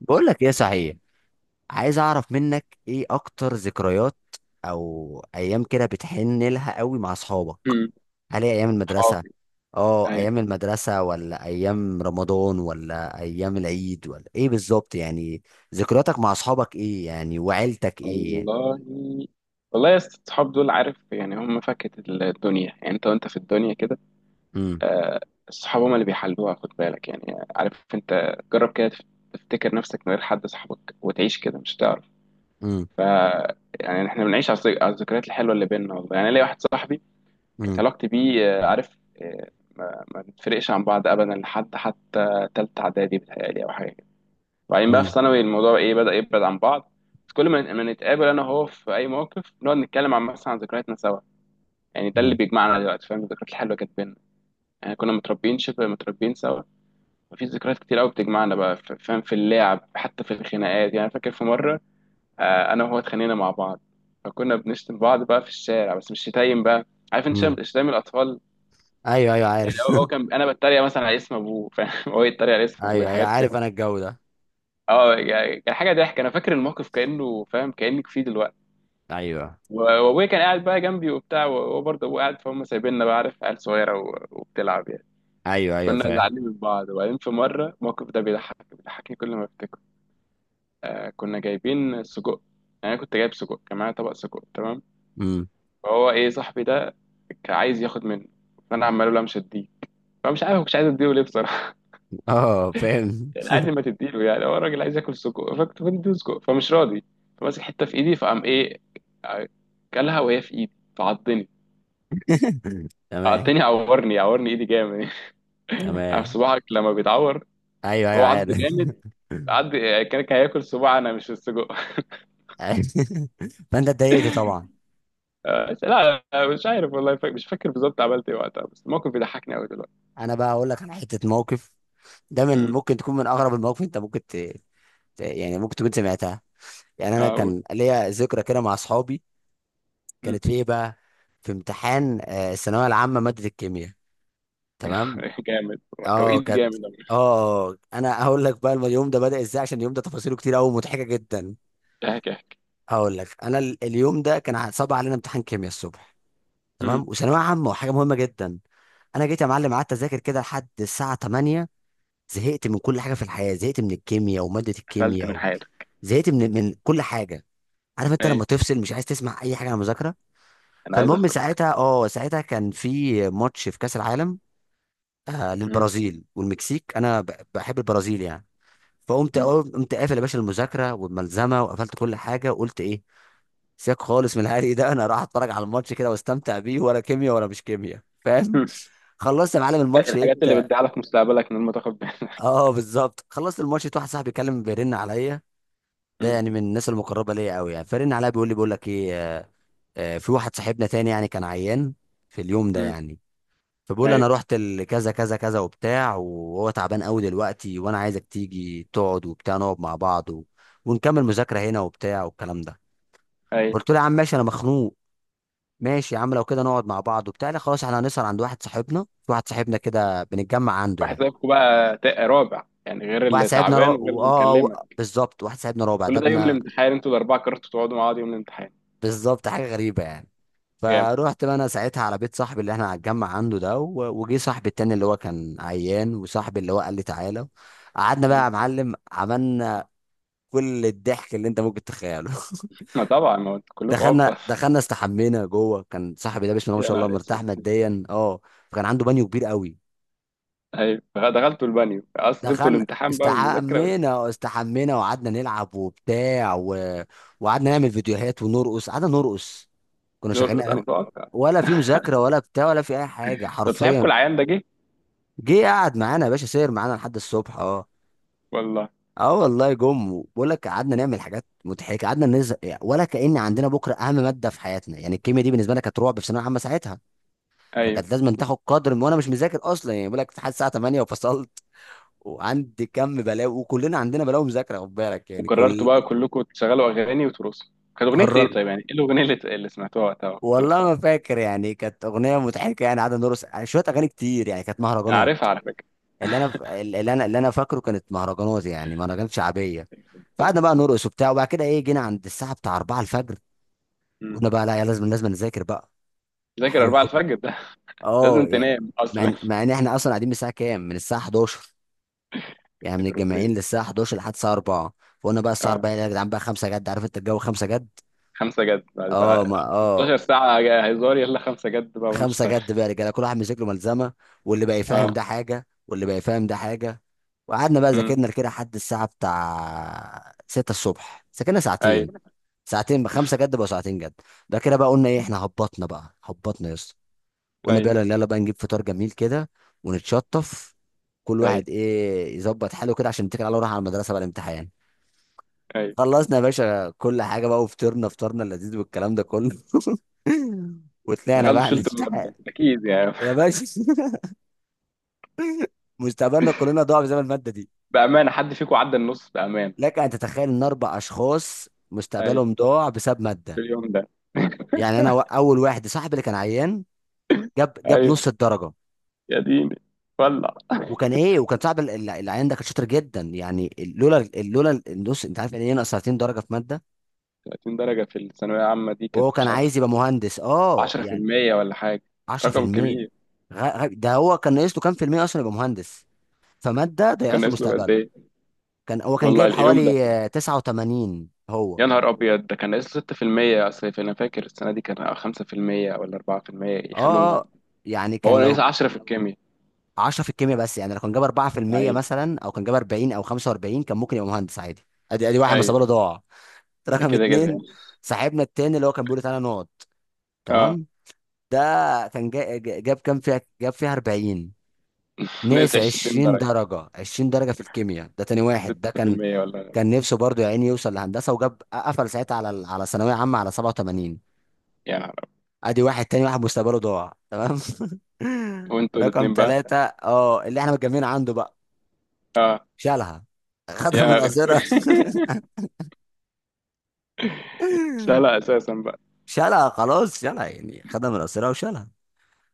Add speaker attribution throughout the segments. Speaker 1: بقول لك ايه صحيح. عايز اعرف منك ايه اكتر ذكريات او ايام كده بتحن لها قوي مع اصحابك؟
Speaker 2: امم
Speaker 1: هل هي ايام المدرسه؟
Speaker 2: صحابي.
Speaker 1: اه، ايام
Speaker 2: ايوه.
Speaker 1: المدرسه ولا ايام رمضان ولا ايام العيد ولا ايه بالظبط يعني؟ ذكرياتك مع اصحابك ايه يعني وعيلتك ايه يعني؟
Speaker 2: والله. والله يا اسطى، الصحاب دول، عارف يعني، هم فكة الدنيا يعني. انت وانت في الدنيا كده
Speaker 1: امم.
Speaker 2: آه، الصحاب هم اللي بيحلوها. خد بالك يعني، عارف انت، جرب كده تفتكر نفسك من غير حد صاحبك وتعيش كده، مش هتعرف.
Speaker 1: امم.
Speaker 2: ف يعني احنا بنعيش على على الذكريات الحلوه اللي بيننا. والله يعني ليا واحد صاحبي، كانت
Speaker 1: امم.
Speaker 2: علاقتي بيه آه، عارف آه، ما بنتفرقش عن بعض ابدا لحد حتى تالتة اعدادي، بتهيألي او حاجه. وبعدين بقى في
Speaker 1: امم.
Speaker 2: ثانوي الموضوع ايه، بدأ يبعد عن بعض. بس كل ما نتقابل انا وهو في اي موقف، نقعد نتكلم عن مثلا عن ذكرياتنا سوا. يعني ده اللي
Speaker 1: امم.
Speaker 2: بيجمعنا دلوقتي، فاهم، الذكريات الحلوه اللي كانت بينا. يعني كنا متربيين، شبه متربيين سوا. وفي ذكريات كتير قوي بتجمعنا بقى فاهم، في اللعب حتى في الخناقات. يعني فاكر في مره آه، انا وهو اتخانقنا مع بعض. فكنا بنشتم بعض بقى في الشارع، بس مش شتايم بقى، عارف انت،
Speaker 1: أمم.
Speaker 2: شتايم شتايم الاطفال.
Speaker 1: ايوه ايوه
Speaker 2: يعني
Speaker 1: عارف.
Speaker 2: هو كان انا بتريق مثلا على اسم ابوه، فاهم، هو يتريق على اسم ابوه،
Speaker 1: ايوه ايوه
Speaker 2: حاجات كده.
Speaker 1: عارف انا الجو ده.
Speaker 2: اه يعني كان حاجه ضحك. انا فاكر الموقف كانه، فاهم، كانك فيه دلوقتي.
Speaker 1: ايوه
Speaker 2: وابويا كان قاعد بقى جنبي وبتاع، وهو برضه ابويا قاعد، فهم سايبيننا بقى، عارف، عيال صغيره وبتلعب يعني.
Speaker 1: ايوه ايوه
Speaker 2: كنا
Speaker 1: فاهم.
Speaker 2: زعلانين من بعض. وبعدين في مره الموقف ده بيضحكني كل ما افتكره. آه، كنا جايبين سجق. يعني انا كنت جايب سجق، كان معايا طبق سجق، تمام.
Speaker 1: امم.
Speaker 2: فهو ايه صاحبي ده، كان عايز ياخد منه. فانا عمال اقول له مش هديه. فمش عارف، مش عايز اديه ليه بصراحه.
Speaker 1: اه فاهم.
Speaker 2: يعني قال لي ما تديله. يعني هو الراجل عايز ياكل سجق، فكنت بديه سجق، فمش راضي. فماسك حته في ايدي، فقام ايه، آه، كلها وهي في ايدي، فعضني.
Speaker 1: تمام.
Speaker 2: عضني، عورني، عورني ايدي جامد. عارف
Speaker 1: تمام.
Speaker 2: صباعك لما بيتعور؟
Speaker 1: ايوه ايوه
Speaker 2: هو عض
Speaker 1: عارف.
Speaker 2: جامد. عض. كان هياكل صباع انا مش السجق.
Speaker 1: عارف. فانت اتضايقت طبعا.
Speaker 2: آه، لا لا، مش عارف والله. مش فاكر بالظبط عملت ايه وقتها، بس الموقف بيضحكني قوي دلوقتي.
Speaker 1: انا بقى اقول لك على حته موقف، ده من
Speaker 2: امم.
Speaker 1: ممكن تكون من اغرب المواقف، انت ممكن يعني ممكن تكون سمعتها. يعني انا
Speaker 2: اه، أقول.
Speaker 1: كان ليا ذكرى كده مع اصحابي.
Speaker 2: أمم.
Speaker 1: كانت في ايه بقى؟ في امتحان الثانويه العامه ماده الكيمياء. تمام.
Speaker 2: جامد.
Speaker 1: اه
Speaker 2: توقيت
Speaker 1: كانت.
Speaker 2: جامد أوي.
Speaker 1: اه انا هقول لك بقى اليوم ده بدأ ازاي، عشان اليوم ده تفاصيله كتير قوي مضحكه جدا.
Speaker 2: احكي احكي.
Speaker 1: هقول لك انا اليوم ده كان صعب علينا امتحان كيمياء الصبح.
Speaker 2: امم.
Speaker 1: تمام، وثانويه عامه وحاجه مهمه جدا. انا جيت يا معلم قعدت اذاكر كده لحد الساعه 8. زهقت من كل حاجه في الحياه، زهقت من الكيمياء وماده
Speaker 2: قفلت
Speaker 1: الكيمياء
Speaker 2: من
Speaker 1: و...
Speaker 2: حياتك.
Speaker 1: زهقت من كل حاجه. عارف انت
Speaker 2: اي،
Speaker 1: لما تفصل مش عايز تسمع اي حاجه عن المذاكره.
Speaker 2: انا عايز
Speaker 1: فالمهم
Speaker 2: اخرج.
Speaker 1: ساعتها اه ساعتها كان في ماتش في كاس العالم، آه،
Speaker 2: أمم.
Speaker 1: للبرازيل والمكسيك. انا بحب البرازيل يعني. فقمت
Speaker 2: أمم.
Speaker 1: قمت قافل يا باشا المذاكره والملزمه، وقفلت كل حاجه وقلت ايه، سيبك خالص من العادي ده، انا راح اتفرج على الماتش كده واستمتع بيه، ولا كيمياء ولا مش كيمياء فاهم. خلصت يا معلم الماتش، لقيت.
Speaker 2: الحاجات اللي بتضيعلك مستقبلك من غير ما تاخد بالك.
Speaker 1: اه بالظبط، خلصت الماتش لقيت واحد صاحبي بيتكلم بيرن عليا. ده
Speaker 2: أمم.
Speaker 1: يعني من الناس المقربه ليا قوي يعني. فرن عليا بيقول لي، بيقول لك ايه في واحد صاحبنا تاني يعني كان عيان في اليوم ده
Speaker 2: أمم.
Speaker 1: يعني. فبقول انا
Speaker 2: ايوه
Speaker 1: رحت لكذا كذا كذا وبتاع، وهو تعبان قوي دلوقتي، وانا عايزك تيجي تقعد وبتاع، نقعد مع بعض و... ونكمل مذاكره هنا وبتاع والكلام ده.
Speaker 2: ايوه.
Speaker 1: قلت له يا عم ماشي انا مخنوق، ماشي يا عم لو كده نقعد مع بعض وبتاع. لا خلاص احنا هنسهر عند واحد صاحبنا، في واحد صاحبنا كده بنتجمع عنده يعني.
Speaker 2: بحسابكم بقى رابع يعني، غير
Speaker 1: واحد
Speaker 2: اللي
Speaker 1: صاحبنا
Speaker 2: تعبان وغير اللي مكلمك؟
Speaker 1: بالظبط واحد صاحبنا رابع ده
Speaker 2: كل ده يوم
Speaker 1: ابنا.
Speaker 2: الامتحان؟ انتوا الاربعه كرهتوا تقعدوا مع بعض يوم الامتحان.
Speaker 1: بالظبط، حاجه غريبه يعني.
Speaker 2: جامد.
Speaker 1: فروحت بقى انا ساعتها على بيت صاحبي اللي احنا هنتجمع عنده ده، و... وجي صاحبي التاني اللي هو كان عيان، وصاحبي اللي هو قال لي تعالى. قعدنا بقى
Speaker 2: مم.
Speaker 1: يا معلم، عملنا كل الضحك اللي انت ممكن تتخيله.
Speaker 2: ما طبعا، ما انتوا كلكم عبط
Speaker 1: دخلنا
Speaker 2: اصلا.
Speaker 1: دخلنا استحمينا جوه. كان صاحبي ده بسم الله ما
Speaker 2: يا
Speaker 1: شاء الله
Speaker 2: نهار اسود.
Speaker 1: مرتاح ماديا اه، فكان عنده بانيو كبير قوي.
Speaker 2: ايوه. دخلتوا البانيو اصلا، سبتوا
Speaker 1: دخلنا
Speaker 2: الامتحان بقى والمذاكره؟
Speaker 1: استحمينا واستحمينا، وقعدنا نلعب وبتاع و... وقعدنا نعمل فيديوهات ونرقص. قعدنا نرقص، كنا
Speaker 2: نور،
Speaker 1: شغالين
Speaker 2: انا
Speaker 1: اغاني،
Speaker 2: متوقع.
Speaker 1: ولا في مذاكره ولا بتاع ولا في اي حاجه
Speaker 2: طب صاحبكم
Speaker 1: حرفيا.
Speaker 2: العيان ده جه؟
Speaker 1: جه قعد معانا يا باشا، سير معانا لحد الصبح اه.
Speaker 2: والله.
Speaker 1: اه والله جم. بقول لك قعدنا نعمل حاجات مضحكه، قعدنا نزق يعني، ولا كأن عندنا بكره اهم ماده في حياتنا. يعني الكيمياء دي بالنسبه لنا كانت رعب في ثانويه عامه ساعتها.
Speaker 2: ايوه.
Speaker 1: فكانت لازم تاخد قدر، وانا مش مذاكر اصلا. يعني بقول لك امتحان الساعه 8 وفصلت، وعندي كم بلاوي وكلنا عندنا بلاوي مذاكره خد بالك يعني
Speaker 2: وقررتوا
Speaker 1: كل.
Speaker 2: بقى كلكم تشغلوا اغاني وترقصوا؟ كانت اغنيه
Speaker 1: قرر.
Speaker 2: ايه طيب، يعني ايه الاغنيه اللي اللي سمعتوها وقتها وأنتوا
Speaker 1: والله
Speaker 2: بترقصوا
Speaker 1: ما
Speaker 2: عليها؟
Speaker 1: فاكر، يعني كانت اغنيه مضحكه يعني، قعدنا نرقص يعني شويه، اغاني كتير يعني، كانت
Speaker 2: انا
Speaker 1: مهرجانات.
Speaker 2: عارفها على فكره.
Speaker 1: اللي انا ف- اللي انا اللي انا فاكره كانت مهرجانات، يعني مهرجانات شعبيه.
Speaker 2: يخرب بيت.
Speaker 1: فقعدنا بقى نرقص وبتاع، وبعد كده ايه جينا عند الساعه بتاع 4 الفجر.
Speaker 2: مم.
Speaker 1: قلنا بقى لا يا لازم نذاكر بقى.
Speaker 2: ذاكر
Speaker 1: حلو
Speaker 2: 4
Speaker 1: قوي كده.
Speaker 2: الفجر ده؟ لازم
Speaker 1: اه يعني
Speaker 2: تنام اصلا.
Speaker 1: مع ان احنا اصلا قاعدين من الساعه كام، من الساعه 11، يعني من
Speaker 2: يخرب
Speaker 1: الجامعين للساعه 11 لحد الساعه 4. فقلنا بقى الساعه
Speaker 2: بيت.
Speaker 1: 4 يا جدعان بقى 5 جد. عارف انت الجو، 5 جد.
Speaker 2: خمسة جد، بعد
Speaker 1: اه ما
Speaker 2: بقى
Speaker 1: اه،
Speaker 2: 16 ساعة؟ هزار، يلا خمسة جد بقى
Speaker 1: خمسه
Speaker 2: ونشتغل.
Speaker 1: جد بقى رجاله، كل واحد مسك له ملزمه، واللي بقى يفهم
Speaker 2: اه.
Speaker 1: ده حاجه واللي بقى يفهم ده حاجه. وقعدنا بقى
Speaker 2: أمم.
Speaker 1: ذاكرنا كده لحد الساعه بتاع 6 الصبح. ذاكرنا
Speaker 2: اي.
Speaker 1: ساعتين. ساعتين بقى خمسه جد بقى ساعتين جد. ده كده بقى قلنا ايه، احنا هبطنا بقى، هبطنا يا اسطى. قلنا
Speaker 2: اي.
Speaker 1: بقى يلا يلا بقى نجيب فطار جميل كده ونتشطف، كل
Speaker 2: اي.
Speaker 1: واحد ايه يظبط حاله كده عشان نتكل على الله ونروح على المدرسه بقى الامتحان.
Speaker 2: اي.
Speaker 1: خلصنا يا باشا كل حاجه بقى، وفطرنا فطارنا اللذيذ والكلام ده كله. وطلعنا
Speaker 2: دخلت
Speaker 1: بقى
Speaker 2: شلت
Speaker 1: الامتحان،
Speaker 2: المادة اكيد يعني.
Speaker 1: يا باشا. مستقبلنا كلنا ضاع بسبب المادة دي.
Speaker 2: بأمانة، حد فيكم عدى النص بأمانة؟
Speaker 1: لك أن تتخيل إن أربع أشخاص
Speaker 2: اي.
Speaker 1: مستقبلهم ضاع بسبب
Speaker 2: في
Speaker 1: مادة.
Speaker 2: اليوم ده.
Speaker 1: يعني أنا أول واحد صاحبي اللي كان عيان، جاب
Speaker 2: ايوه.
Speaker 1: نص الدرجة.
Speaker 2: يا ديني. ولع.
Speaker 1: وكان إيه، وكان صاحب العيان ده كان شاطر جدا. يعني لولا لولا النص أنت عارف يعني إيه، ناقص 30 درجة في مادة.
Speaker 2: 30 درجة في الثانوية العامة دي كانت،
Speaker 1: وهو كان
Speaker 2: مش عارف،
Speaker 1: عايز يبقى مهندس أه يعني
Speaker 2: 10% ولا حاجة. رقم
Speaker 1: 10%.
Speaker 2: كبير.
Speaker 1: ده هو كان ناقص له كام في المية أصلا يبقى مهندس؟ فمادة
Speaker 2: كان
Speaker 1: ضيعت له
Speaker 2: ناقص له قد
Speaker 1: مستقبله.
Speaker 2: ايه؟
Speaker 1: كان هو كان
Speaker 2: والله
Speaker 1: جايب
Speaker 2: اليوم
Speaker 1: حوالي
Speaker 2: ده.
Speaker 1: 89 هو.
Speaker 2: يا نهار ابيض، ده كان ناقص له 6%. اصل انا فاكر السنة دي كان 5% ولا 4%
Speaker 1: اه
Speaker 2: يخلوه.
Speaker 1: اه، يعني
Speaker 2: هو
Speaker 1: كان لو
Speaker 2: ناقص 10 في الكيمياء.
Speaker 1: 10 في الكيمياء بس، يعني لو كان جاب 4%
Speaker 2: لعيب.
Speaker 1: مثلا او كان جاب 40 او 45، كان ممكن يبقى مهندس عادي. ادي ادي واحد
Speaker 2: ايوه.
Speaker 1: مصابه له ضاع. رقم
Speaker 2: كده كده
Speaker 1: اتنين،
Speaker 2: يعني.
Speaker 1: صاحبنا التاني اللي هو كان بيقول لي تعالى نقعد.
Speaker 2: اه.
Speaker 1: تمام. ده كان جاب كام فيها، جاب فيها 40.
Speaker 2: ناقص
Speaker 1: ناس
Speaker 2: 20
Speaker 1: 20
Speaker 2: درجة،
Speaker 1: درجه، 20 درجه في الكيمياء. ده تاني واحد ده، كان
Speaker 2: 6% ولا؟
Speaker 1: كان نفسه برضه يا عيني يوصل لهندسه، وجاب قفل ساعتها على على ثانويه عامه على 87.
Speaker 2: يعني.
Speaker 1: ادي واحد تاني، واحد مستقبله ضاع، تمام.
Speaker 2: وانتوا
Speaker 1: رقم
Speaker 2: الاتنين بقى.
Speaker 1: ثلاثة اه، اللي احنا متجمعين عنده بقى.
Speaker 2: اه.
Speaker 1: شالها، خدها
Speaker 2: يا
Speaker 1: من
Speaker 2: نهار اسود.
Speaker 1: قصيرة.
Speaker 2: شالها اساسا بقى.
Speaker 1: شالها خلاص، شالها يعني، خدها من قصيرة وشالها.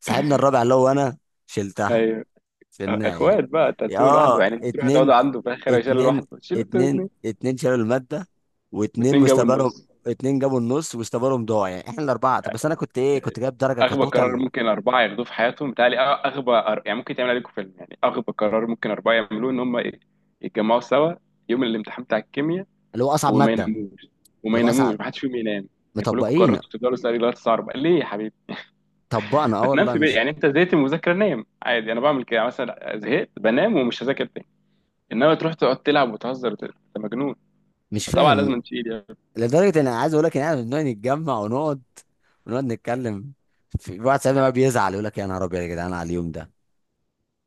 Speaker 1: صاحبنا الرابع اللي هو انا، شلتها.
Speaker 2: ايوه.
Speaker 1: شلناها
Speaker 2: اخوات
Speaker 1: يعني.
Speaker 2: بقى. انت هتسيبه لوحده
Speaker 1: اه
Speaker 2: يعني، انت تروح تقعد
Speaker 1: اتنين،
Speaker 2: عنده في الاخر، شال
Speaker 1: اتنين.
Speaker 2: لوحده، شيلوا انتوا
Speaker 1: اتنين
Speaker 2: الاتنين.
Speaker 1: اتنين شالوا المادة، واتنين
Speaker 2: واتنين جابوا
Speaker 1: مستقبلهم.
Speaker 2: النص
Speaker 1: اتنين جابوا النص ومستقبلهم ضاع يعني. احنا الاربعة، طب بس انا كنت ايه كنت
Speaker 2: يعني.
Speaker 1: جايب درجة
Speaker 2: اغبى قرار
Speaker 1: كتوتال.
Speaker 2: ممكن اربعه ياخدوه في حياتهم بتهيألي، يعني ممكن تعمل عليكم فيلم. يعني اغبى قرار ممكن اربعه يعملوه ان هم يتجمعوا سوا يوم الامتحان بتاع الكيمياء.
Speaker 1: اللي هو اصعب
Speaker 2: وما
Speaker 1: مادة.
Speaker 2: يناموش، وما
Speaker 1: اللي هو
Speaker 2: يناموش،
Speaker 1: اصعب،
Speaker 2: محدش فيهم ينام. يعني كلكم
Speaker 1: مطبقين.
Speaker 2: قررتوا تفضلوا سهرانين لغايه الساعه 4 ليه يا حبيبي؟
Speaker 1: طبقنا. اه
Speaker 2: ما تنام
Speaker 1: والله
Speaker 2: في بيت
Speaker 1: مش
Speaker 2: يعني. انت زهقت من المذاكره، نام عادي. انا بعمل كده مثلا، زهقت بنام ومش هذاكر تاني. انما تروح تقعد تلعب وتهزر انت مجنون.
Speaker 1: مش
Speaker 2: فطبعا
Speaker 1: فاهم.
Speaker 2: لازم تشيل يعني.
Speaker 1: لدرجه ان انا عايز اقول لك ان احنا بنقعد نتجمع ونقعد، ونقعد نتكلم. في واحد صاحبنا بقى بيزعل يقول لك، يا نهار ابيض يا جدعان على اليوم ده.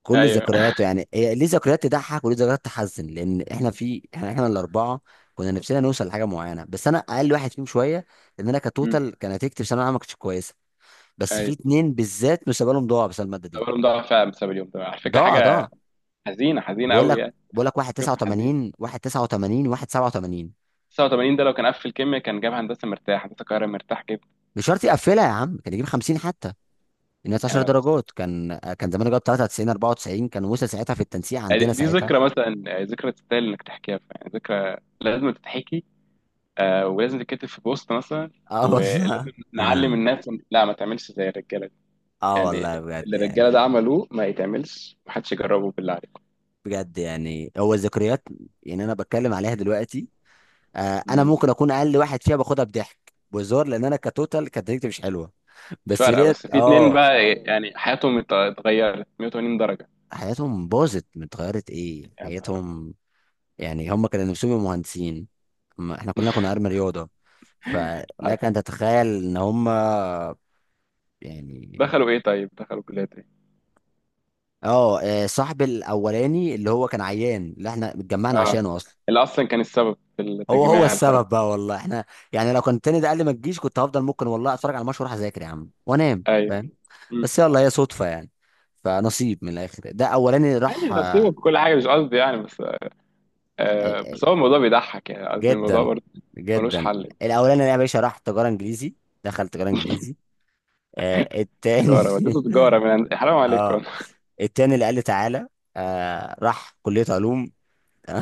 Speaker 1: كل
Speaker 2: ايوه.
Speaker 1: ذكرياته يعني، هي ليه ذكريات تضحك وليه ذكريات تحزن، لان احنا في احنا احنا الاربعه كنا نفسنا نوصل لحاجه معينه، بس انا اقل واحد فيهم شويه، لان انا
Speaker 2: أمم.
Speaker 1: كتوتال كان نتيجتي في ثانويه عامه ما كانتش كويسه. بس في
Speaker 2: ايوه.
Speaker 1: اتنين بالذات مستقبلهم ضاع بسبب الماده دي.
Speaker 2: التورم ضاع فعلا بسبب اليوم ده على فكره.
Speaker 1: ضاع.
Speaker 2: حاجه حزينه، حزينه
Speaker 1: بقول
Speaker 2: قوي
Speaker 1: لك
Speaker 2: يعني.
Speaker 1: بقول لك واحد
Speaker 2: قصه حزينه.
Speaker 1: 89، واحد 89 واحد 87.
Speaker 2: 89 ده لو كان قفل كيميا كان جاب هندسه مرتاح، هندسه القاهره مرتاح جدا.
Speaker 1: مش شرط يقفلها يا عم، كان يجيب 50 حتى. الناس 10 درجات، كان زمان جاب 93 94، كان وصل ساعتها في التنسيق
Speaker 2: يعني
Speaker 1: عندنا
Speaker 2: دي
Speaker 1: ساعتها.
Speaker 2: ذكرى مثلا، يعني ذكرى تستاهل انك تحكيها، يعني ذكرى لازم تتحكي آه، ولازم تتكتب في بوست مثلا.
Speaker 1: اه والله.
Speaker 2: ولازم نعلم الناس لا، ما تعملش زي الرجاله دي.
Speaker 1: اه والله
Speaker 2: يعني
Speaker 1: بجد
Speaker 2: اللي الرجاله ده
Speaker 1: يعني.
Speaker 2: عملوه، ما يتعملش، محدش يجربه بالله عليكم.
Speaker 1: بجد يعني، هو الذكريات، يعني انا بتكلم عليها دلوقتي. انا
Speaker 2: مم.
Speaker 1: ممكن اكون اقل واحد فيها، باخدها بضحك بهزار، لان انا كتوتال كانت نتيجتي مش حلوه.
Speaker 2: مش
Speaker 1: بس
Speaker 2: فارقه،
Speaker 1: ديت
Speaker 2: بس في اتنين
Speaker 1: اه.
Speaker 2: بقى يعني حياتهم اتغيرت 180 درجه.
Speaker 1: حياتهم باظت، اتغيرت ايه
Speaker 2: يعني
Speaker 1: حياتهم. يعني هم كانوا نفسهم يبقوا مهندسين، ما احنا كلنا كنا ارمي رياضه. فلك
Speaker 2: عادي.
Speaker 1: ان تتخيل ان هم يعني
Speaker 2: دخلوا ايه طيب، دخلوا كليات ايه؟
Speaker 1: اه صاحب الاولاني اللي هو كان عيان اللي احنا اتجمعنا
Speaker 2: اه.
Speaker 1: عشانه اصلا.
Speaker 2: اللي اصلا كان السبب في
Speaker 1: هو هو
Speaker 2: التجميع، الخرج.
Speaker 1: السبب بقى والله. احنا يعني لو كان التاني ده قال لي ما تجيش كنت هفضل ممكن والله اتفرج على الماتش واروح اذاكر يا عم وانام
Speaker 2: ايوه.
Speaker 1: فاهم.
Speaker 2: مم.
Speaker 1: بس يلا، هي صدفه يعني. فنصيب من الاخر ده اولاني
Speaker 2: يعني
Speaker 1: راح
Speaker 2: نصيبه بكل حاجه، مش قصدي يعني بس. آه،
Speaker 1: آه،
Speaker 2: بس هو الموضوع بيضحك يعني، قصدي الموضوع
Speaker 1: جدا.
Speaker 2: برضه. ملوش
Speaker 1: جدا.
Speaker 2: حل.
Speaker 1: الاولاني ده يا باشا راح تجاره انجليزي، دخل تجاره انجليزي. آه التاني.
Speaker 2: تجاره، والدته تجاره حرام
Speaker 1: اه
Speaker 2: عليكم.
Speaker 1: التاني اللي قال لي تعالى، آه راح كليه علوم.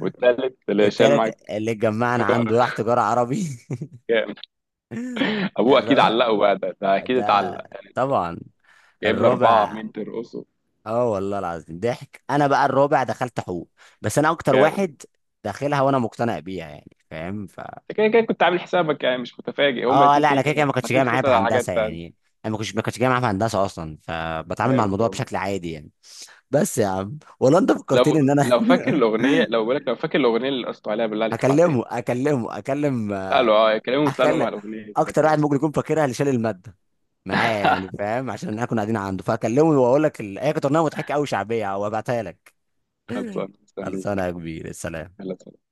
Speaker 2: والتالت اللي شال
Speaker 1: التالت
Speaker 2: معاك.
Speaker 1: اللي اتجمعنا عنده راح
Speaker 2: انفجارك.
Speaker 1: تجارة عربي.
Speaker 2: جامد. ابوه اكيد
Speaker 1: الرابع
Speaker 2: علقه بقى ده, اكيد اتعلق.
Speaker 1: ده طبعا،
Speaker 2: جايب له اربعه
Speaker 1: الرابع
Speaker 2: مين ترقصه.
Speaker 1: اه والله العظيم ضحك. انا بقى الرابع دخلت حقوق، بس انا اكتر
Speaker 2: جامد.
Speaker 1: واحد داخلها وانا مقتنع بيها يعني فاهم ف.
Speaker 2: انت كده كده كنت عامل حسابك يعني، مش متفاجئ. هما
Speaker 1: اه
Speaker 2: الاتنين
Speaker 1: لا،
Speaker 2: تاني
Speaker 1: انا كده كده
Speaker 2: كانوا
Speaker 1: ما كنتش
Speaker 2: حاطين
Speaker 1: جاي معايا
Speaker 2: خطط على
Speaker 1: بهندسة
Speaker 2: حاجات
Speaker 1: يعني.
Speaker 2: تانية.
Speaker 1: انا ما كنتش جاي معايا بهندسة اصلا، فبتعامل مع
Speaker 2: جامد
Speaker 1: الموضوع
Speaker 2: والله.
Speaker 1: بشكل عادي يعني. بس يا عم والله انت
Speaker 2: لو
Speaker 1: فكرتني ان انا.
Speaker 2: لو فاكر الاغنيه، لو بقولك لو فاكر الاغنيه اللي قصته عليها بالله عليك ابعتها لي.
Speaker 1: هكلمه اكلمه اكلم
Speaker 2: قالوا اه، كلمهم اسالهم على
Speaker 1: اكلم
Speaker 2: الاغنيه دي كانت
Speaker 1: اكتر
Speaker 2: ايه.
Speaker 1: واحد ممكن يكون فاكرها، اللي شال المادة معايا يعني فاهم، عشان احنا كنا قاعدين عنده. فاكلمه واقول لك هي كانت اغنيه مضحكه قوي شعبيه وابعتها لك.
Speaker 2: خلصان
Speaker 1: خلصانه
Speaker 2: مستنيك.
Speaker 1: يا كبير، السلام.
Speaker 2: يلا سلام.